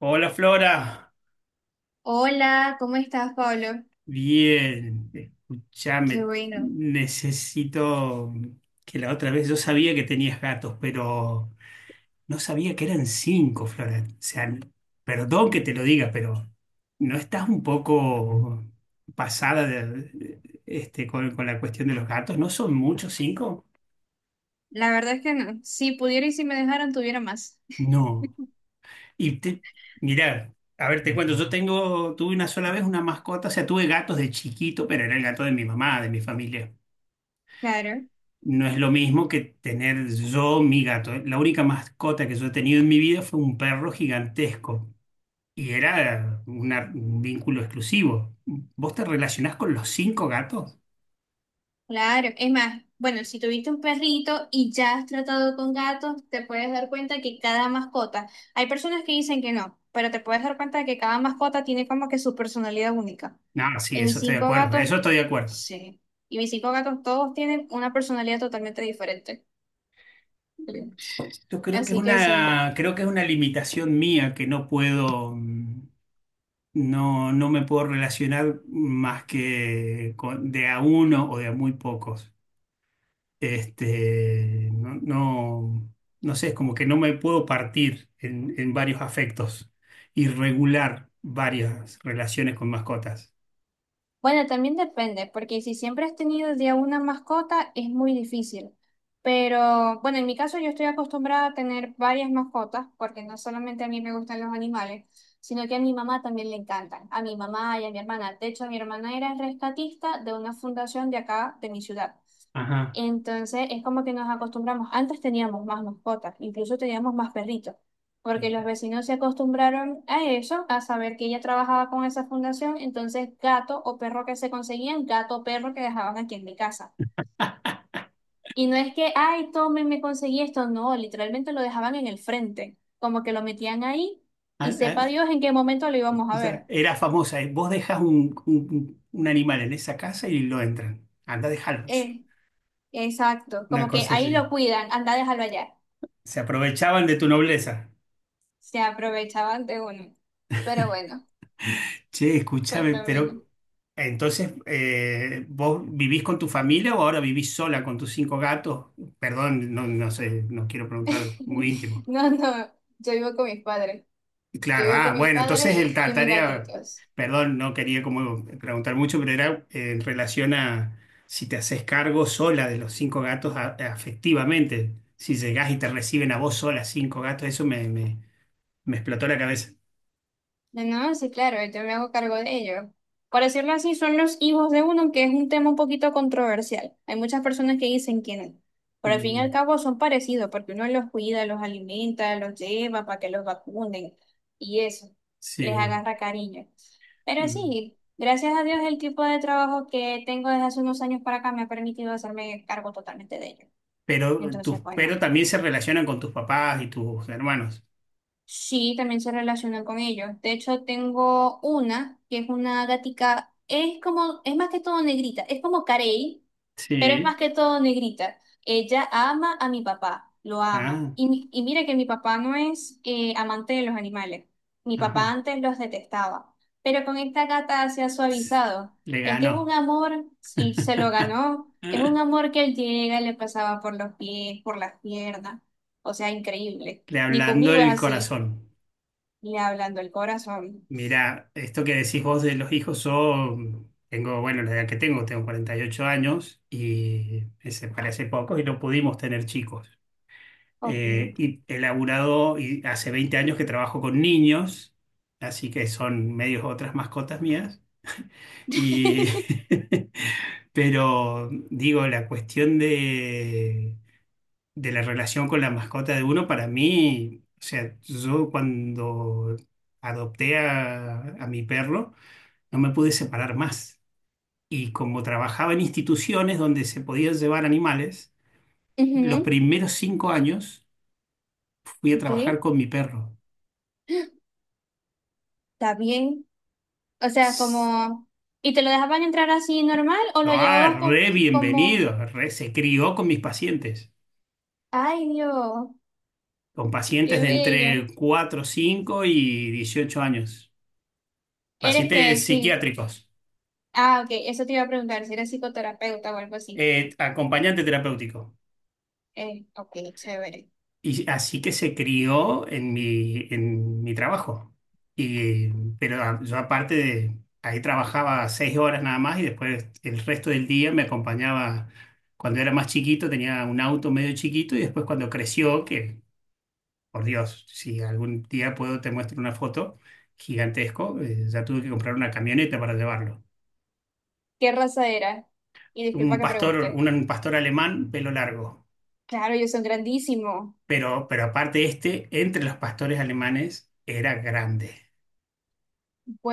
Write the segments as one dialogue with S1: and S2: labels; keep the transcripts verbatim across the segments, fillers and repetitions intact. S1: Hola Flora,
S2: Hola, ¿cómo estás, Pablo?
S1: bien,
S2: Qué
S1: escuchame,
S2: bueno.
S1: necesito que la otra vez yo sabía que tenías gatos, pero no sabía que eran cinco, Flora. O sea, perdón que te lo diga, pero ¿no estás un poco pasada de- este, con, con la cuestión de los gatos? ¿No son muchos cinco?
S2: La verdad es que no. Si pudiera y si me dejaran, tuviera más.
S1: No. Y te, mirá, a ver, te cuento, yo tengo, tuve una sola vez una mascota, o sea, tuve gatos de chiquito, pero era el gato de mi mamá, de mi familia.
S2: Claro,
S1: No es lo mismo que tener yo mi gato. La única mascota que yo he tenido en mi vida fue un perro gigantesco y era una- un vínculo exclusivo. ¿Vos te relacionás con los cinco gatos?
S2: claro. Es más, bueno, si tuviste un perrito y ya has tratado con gatos, te puedes dar cuenta que cada mascota, hay personas que dicen que no, pero te puedes dar cuenta de que cada mascota tiene como que su personalidad única.
S1: No, sí,
S2: Y mis
S1: eso estoy de
S2: cinco
S1: acuerdo,
S2: gatos,
S1: eso estoy de acuerdo.
S2: sí. Y mis cinco gatos todos tienen una personalidad totalmente diferente. Sí.
S1: Yo creo que es
S2: Así que sí.
S1: una, creo que es una limitación mía que no puedo, mm, no, no me puedo relacionar más que con- de a uno o de a muy pocos. Este, no, no, no sé, es como que no me puedo partir en, en varios afectos y regular varias relaciones con mascotas.
S2: Bueno, también depende, porque si siempre has tenido de a una mascota es muy difícil. Pero bueno, en mi caso yo estoy acostumbrada a tener varias mascotas, porque no solamente a mí me gustan los animales, sino que a mi mamá también le encantan, a mi mamá y a mi hermana. De hecho, mi hermana era rescatista de una fundación de acá, de mi ciudad.
S1: Ajá.
S2: Entonces es como que nos acostumbramos. Antes teníamos más mascotas, incluso teníamos más perritos, porque los vecinos se acostumbraron a eso, a saber que ella trabajaba con esa fundación, entonces gato o perro que se conseguían, gato o perro que dejaban aquí en mi casa. Y no es que, ay, tomen, me conseguí esto, no, literalmente lo dejaban en el frente, como que lo metían ahí y
S1: Ah, ah,
S2: sepa Dios en qué momento lo íbamos a
S1: esa-
S2: ver.
S1: era famosa, eh, vos dejas un, un- un animal en esa casa y lo entran. Anda, dejarlos.
S2: Eh, exacto,
S1: Una
S2: como que
S1: cosa así.
S2: ahí lo cuidan, anda, déjalo allá.
S1: Se aprovechaban de tu nobleza.
S2: Se aprovechaban de uno. Pero bueno.
S1: Che,
S2: Por
S1: escúchame,
S2: lo menos.
S1: pero entonces, eh, ¿vos vivís con tu familia o ahora vivís sola con tus cinco gatos? Perdón, no, no sé, no quiero preguntar muy íntimo.
S2: No, no, yo vivo con mis padres. Yo
S1: Claro,
S2: vivo con
S1: ah,
S2: mis
S1: bueno,
S2: padres
S1: entonces el,
S2: y,
S1: la
S2: y mis
S1: tarea,
S2: gatitos.
S1: perdón, no quería como preguntar mucho, pero era eh, en relación a si te haces cargo sola de los cinco gatos a- afectivamente, si llegás y te reciben a vos sola cinco gatos, eso me, me, me explotó la cabeza.
S2: No, no, sí, claro, yo me hago cargo de ellos. Por decirlo así, son los hijos de uno, que es un tema un poquito controversial. Hay muchas personas que dicen que no. Pero al fin y
S1: Mm.
S2: al cabo son parecidos, porque uno los cuida, los alimenta, los lleva para que los vacunen y eso, les
S1: Sí.
S2: agarra cariño. Pero
S1: Mm.
S2: sí, gracias a Dios el tipo de trabajo que tengo desde hace unos años para acá me ha permitido hacerme cargo totalmente de ellos.
S1: Pero, tus,
S2: Entonces, bueno,
S1: pero también se relacionan con tus papás y tus hermanos.
S2: sí, también se relacionan con ellos. De hecho, tengo una que es una gatica, es como, es más que todo negrita, es como Carey, pero es
S1: Sí.
S2: más que todo negrita. Ella ama a mi papá, lo ama.
S1: Ah,
S2: Y, mi- y mira que mi papá no es eh, amante de los animales. Mi
S1: ajá.
S2: papá antes los detestaba, pero con esta gata se ha suavizado.
S1: Le
S2: Es que es un
S1: ganó.
S2: amor, y se lo ganó, es un amor que él llega, le pasaba por los pies, por las piernas. O sea, increíble.
S1: Le
S2: Ni
S1: ablandó
S2: conmigo es
S1: el
S2: así.
S1: corazón.
S2: Le hablando el corazón.
S1: Mira, esto que decís vos de los hijos, yo tengo, bueno, la edad que tengo, tengo cuarenta y ocho años y me separé hace poco y no pudimos tener chicos.
S2: Ok.
S1: Eh, y he laburado y hace veinte años que trabajo con niños, así que son medios otras mascotas mías. Y pero digo, la cuestión de, de la relación con la mascota de uno, para mí, o sea, yo cuando adopté a, a mi perro, no me pude separar más. Y como trabajaba en instituciones donde se podían llevar animales, los
S2: Ujú,
S1: primeros cinco años fui a
S2: ok.
S1: trabajar con mi perro.
S2: Está bien. O sea,
S1: S-
S2: como. ¿Y te lo dejaban entrar así normal o lo
S1: Ah,
S2: llevabas como,
S1: re
S2: como...
S1: bienvenido, re- se crió con mis pacientes,
S2: Ay, Dios,
S1: con pacientes
S2: qué
S1: de entre
S2: bello.
S1: cuatro, cinco y dieciocho años,
S2: Eres que
S1: pacientes
S2: sí.
S1: psiquiátricos,
S2: Ah, ok. Eso te iba a preguntar si eres psicoterapeuta o algo así.
S1: eh, acompañante terapéutico.
S2: Eh, ok, chévere.
S1: Y así que se crió en mi, en mi trabajo. Y, pero a- yo aparte de, ahí trabajaba seis horas nada más y después el resto del día me acompañaba. Cuando era más chiquito tenía un auto medio chiquito y después cuando creció, que por Dios, si algún día puedo te muestro una foto gigantesco, eh, ya tuve que comprar una camioneta para llevarlo.
S2: ¿Qué raza era? Y disculpa
S1: Un
S2: que
S1: pastor,
S2: pregunte.
S1: un, un pastor alemán, pelo largo.
S2: Claro, ellos son grandísimos.
S1: Pero, pero aparte este, entre los pastores alemanes, era grande,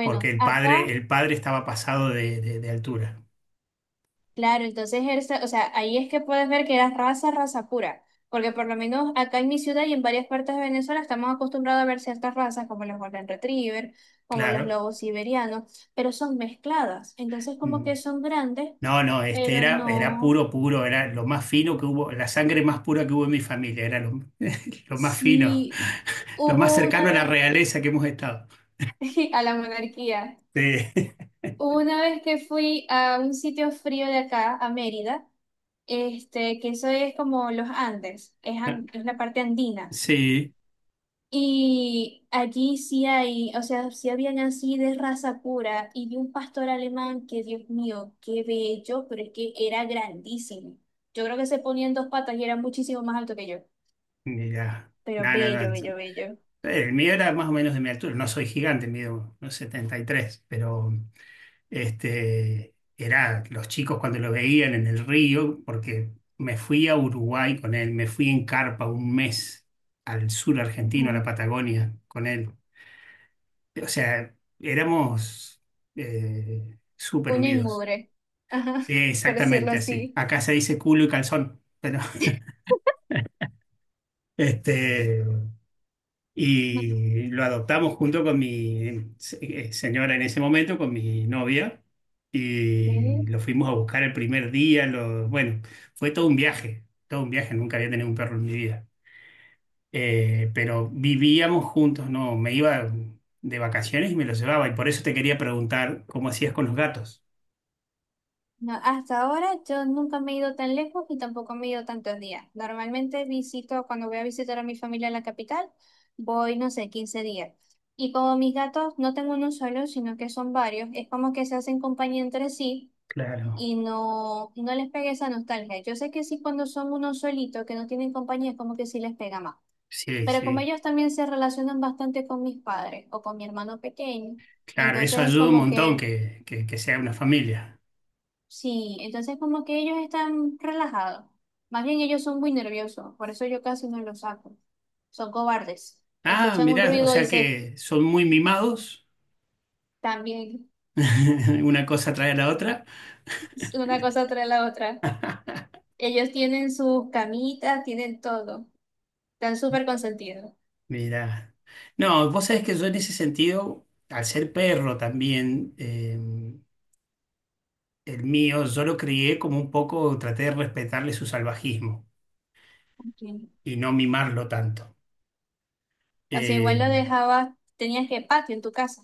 S1: porque el padre,
S2: acá.
S1: el padre estaba pasado de, de- de altura,
S2: Claro, entonces, Hersa- o sea, ahí es que puedes ver que era raza, raza pura, porque por lo menos acá en mi ciudad y en varias partes de Venezuela estamos acostumbrados a ver ciertas razas como los Golden Retriever, como los
S1: claro.
S2: lobos siberianos, pero son mezcladas, entonces como
S1: Mm.
S2: que son grandes,
S1: No, no, este
S2: pero
S1: era, era
S2: no,
S1: puro, puro, era lo más fino que hubo, la sangre más pura que hubo en mi familia, era lo lo más fino,
S2: sí,
S1: lo más
S2: hubo una
S1: cercano a la
S2: vez
S1: realeza que hemos estado.
S2: a la monarquía,
S1: Sí,
S2: hubo una vez que fui a un sitio frío de acá, a Mérida, este, que eso es como los Andes, es, an- es la parte andina.
S1: sí,
S2: Y allí sí hay, o sea, sí habían así de raza pura y de un pastor alemán que, Dios mío, qué bello, pero es que era grandísimo. Yo creo que se ponía en dos patas y era muchísimo más alto que yo,
S1: mira,
S2: pero
S1: no, no,
S2: bello,
S1: no.
S2: bello, bello.
S1: El mío era más o menos de mi altura, no soy gigante, mido unos setenta y tres, pero... Este, era los chicos cuando lo veían en el río, porque me fui a Uruguay con él, me fui en carpa un mes al sur argentino, a la
S2: Ujú.
S1: Patagonia, con él. O sea, éramos eh, súper
S2: Uña y
S1: unidos.
S2: mugre, ajá,
S1: Sí,
S2: por decirlo
S1: exactamente así.
S2: así.
S1: Acá se dice culo y calzón, pero este,
S2: Ujú.
S1: y lo adoptamos junto con mi se- eh, señora en ese momento, con mi novia, y
S2: Ok.
S1: lo fuimos a buscar el primer día. Lo- bueno, fue todo un viaje, todo un viaje, nunca había tenido un perro en mi vida. Eh, pero vivíamos juntos, no, me iba de vacaciones y me lo llevaba, y por eso te quería preguntar cómo hacías con los gatos.
S2: No, hasta ahora yo nunca me he ido tan lejos y tampoco me he ido tantos días. Normalmente visito, cuando voy a visitar a mi familia en la capital, voy, no sé, quince días. Y como mis gatos no tengo uno solo, sino que son varios, es como que se hacen compañía entre sí
S1: Claro,
S2: y no, no les pega esa nostalgia. Yo sé que sí cuando son uno solito, que no tienen compañía, es como que sí les pega más.
S1: sí,
S2: Pero como
S1: sí,
S2: ellos también se relacionan bastante con mis padres o con mi hermano pequeño,
S1: claro, eso
S2: entonces es
S1: ayuda un
S2: como
S1: montón
S2: que...
S1: que, que, que sea una familia.
S2: Sí, entonces como que ellos están relajados. Más bien ellos son muy nerviosos, por eso yo casi no los saco. Son cobardes.
S1: Ah,
S2: Escuchan un
S1: mirá, o
S2: ruido y
S1: sea
S2: se
S1: que son muy mimados.
S2: también
S1: Una cosa trae a la otra.
S2: una cosa tras la otra. Ellos tienen sus camitas, tienen todo. Están súper consentidos.
S1: Mira. No, vos sabés que yo en ese sentido, al ser perro también, eh, el mío, yo lo crié como un poco, traté de respetarle su salvajismo
S2: Ok.
S1: y no mimarlo tanto.
S2: O sea, igual lo
S1: Eh,
S2: dejabas, tenías que patio en tu casa.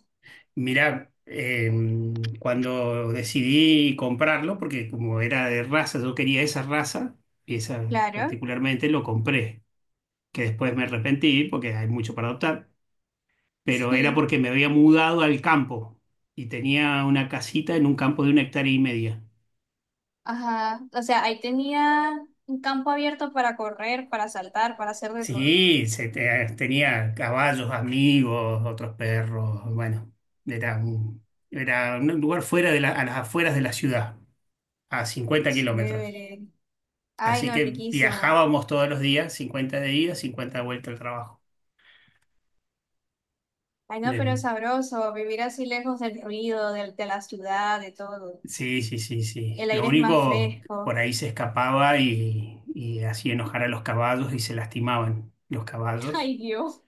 S1: mira, eh, cuando decidí comprarlo, porque como era de raza, yo quería esa raza, y esa
S2: Claro.
S1: particularmente lo compré, que después me arrepentí porque hay mucho para adoptar. Pero era
S2: Sí.
S1: porque me había mudado al campo y tenía una casita en un campo de una hectárea y media.
S2: Ajá. O sea, ahí tenía un campo abierto para correr, para saltar, para hacer de todo.
S1: Sí, se te- tenía caballos, amigos, otros perros, bueno, era un, era un lugar fuera de la- a las afueras de la ciudad, a cincuenta kilómetros.
S2: Chévere. Ay,
S1: Así
S2: no,
S1: que
S2: riquísimo.
S1: viajábamos todos los días, cincuenta de ida, cincuenta de vuelta al trabajo.
S2: Ay, no, pero es
S1: Del-
S2: sabroso vivir así lejos del ruido, del- de, la ciudad, de todo.
S1: Sí, sí, sí, sí.
S2: El
S1: Lo
S2: aire es más
S1: único, por
S2: fresco.
S1: ahí se escapaba y, y hacía enojar a los caballos y se lastimaban los caballos.
S2: Ay, Dios,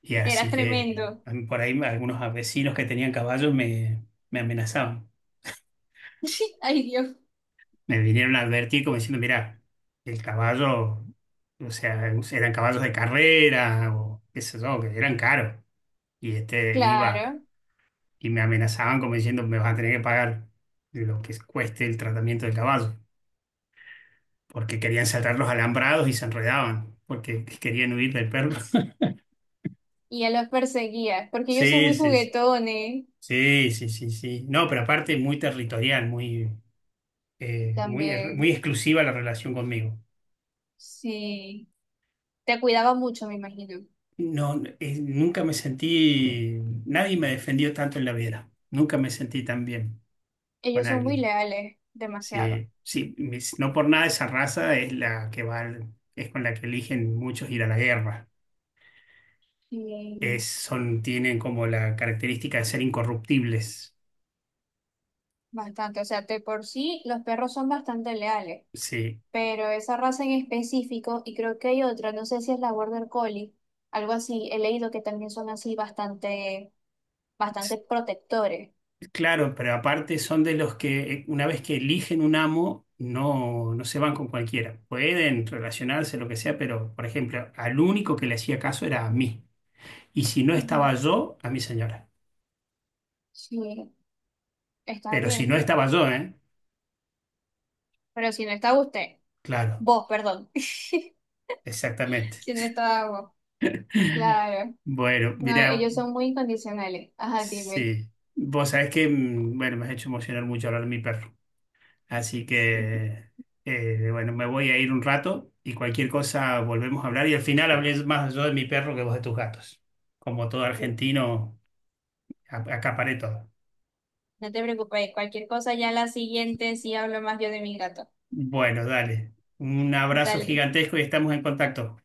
S1: Y
S2: era
S1: así que
S2: tremendo.
S1: a mí por ahí algunos vecinos que tenían caballos me, me amenazaban.
S2: Ay, Dios,
S1: Me vinieron a advertir como diciendo, mira, el caballo, o sea, eran caballos de carrera o qué sé yo, que eran caros. Y este iba
S2: claro.
S1: y me amenazaban como diciendo, me vas a tener que pagar lo que cueste el tratamiento del caballo, porque querían saltar los alambrados y se enredaban, porque querían huir del perro.
S2: Y ya los perseguía, porque ellos son
S1: Sí,
S2: muy
S1: sí, sí.
S2: juguetones
S1: Sí, sí, sí, sí. No, pero aparte muy territorial, muy... eh, muy, er-
S2: también.
S1: muy exclusiva la relación conmigo.
S2: Sí, te cuidaba mucho, me imagino.
S1: No, eh, nunca me sentí, nadie me defendió tanto en la vida. Nunca me sentí tan bien con
S2: Ellos son muy
S1: alguien.
S2: leales, demasiado.
S1: Sí, sí, mis- no por nada esa raza es la que va, al- es con la que eligen muchos ir a la guerra. Es,
S2: Sí,
S1: son, tienen como la característica de ser incorruptibles.
S2: bastante. O sea, de por sí, los perros son bastante leales.
S1: Sí,
S2: Pero esa raza en específico, y creo que hay otra, no sé si es la Border Collie, algo así, he leído que también son así bastante, bastante protectores.
S1: claro, pero aparte son de los que eh, una vez que eligen un amo, no, no se van con cualquiera. Pueden relacionarse, lo que sea, pero, por ejemplo, al único que le hacía caso era a mí. Y si no
S2: Ujú.
S1: estaba yo, a mi señora.
S2: Sí, está
S1: Pero si no
S2: bien.
S1: estaba yo, ¿eh?
S2: Pero si no está usted,
S1: Claro,
S2: vos, perdón.
S1: exactamente.
S2: Si no está vos, claro.
S1: Bueno,
S2: No,
S1: mira,
S2: ellos son muy incondicionales. Ajá, dime.
S1: sí. Vos sabés que, mm, bueno, me has hecho emocionar mucho hablar de mi perro. Así
S2: Sí.
S1: que, eh, bueno, me voy a ir un rato y cualquier cosa volvemos a hablar. Y al final hablé más yo de mi perro que vos de tus gatos. Como todo argentino, a- acaparé todo.
S2: No te preocupes, cualquier cosa ya la siguiente sí hablo más yo de mi gato.
S1: Bueno, dale. Un abrazo
S2: Dale,
S1: gigantesco y estamos en contacto.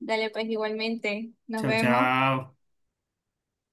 S2: dale pues igualmente. Nos
S1: Chao,
S2: vemos.
S1: chao.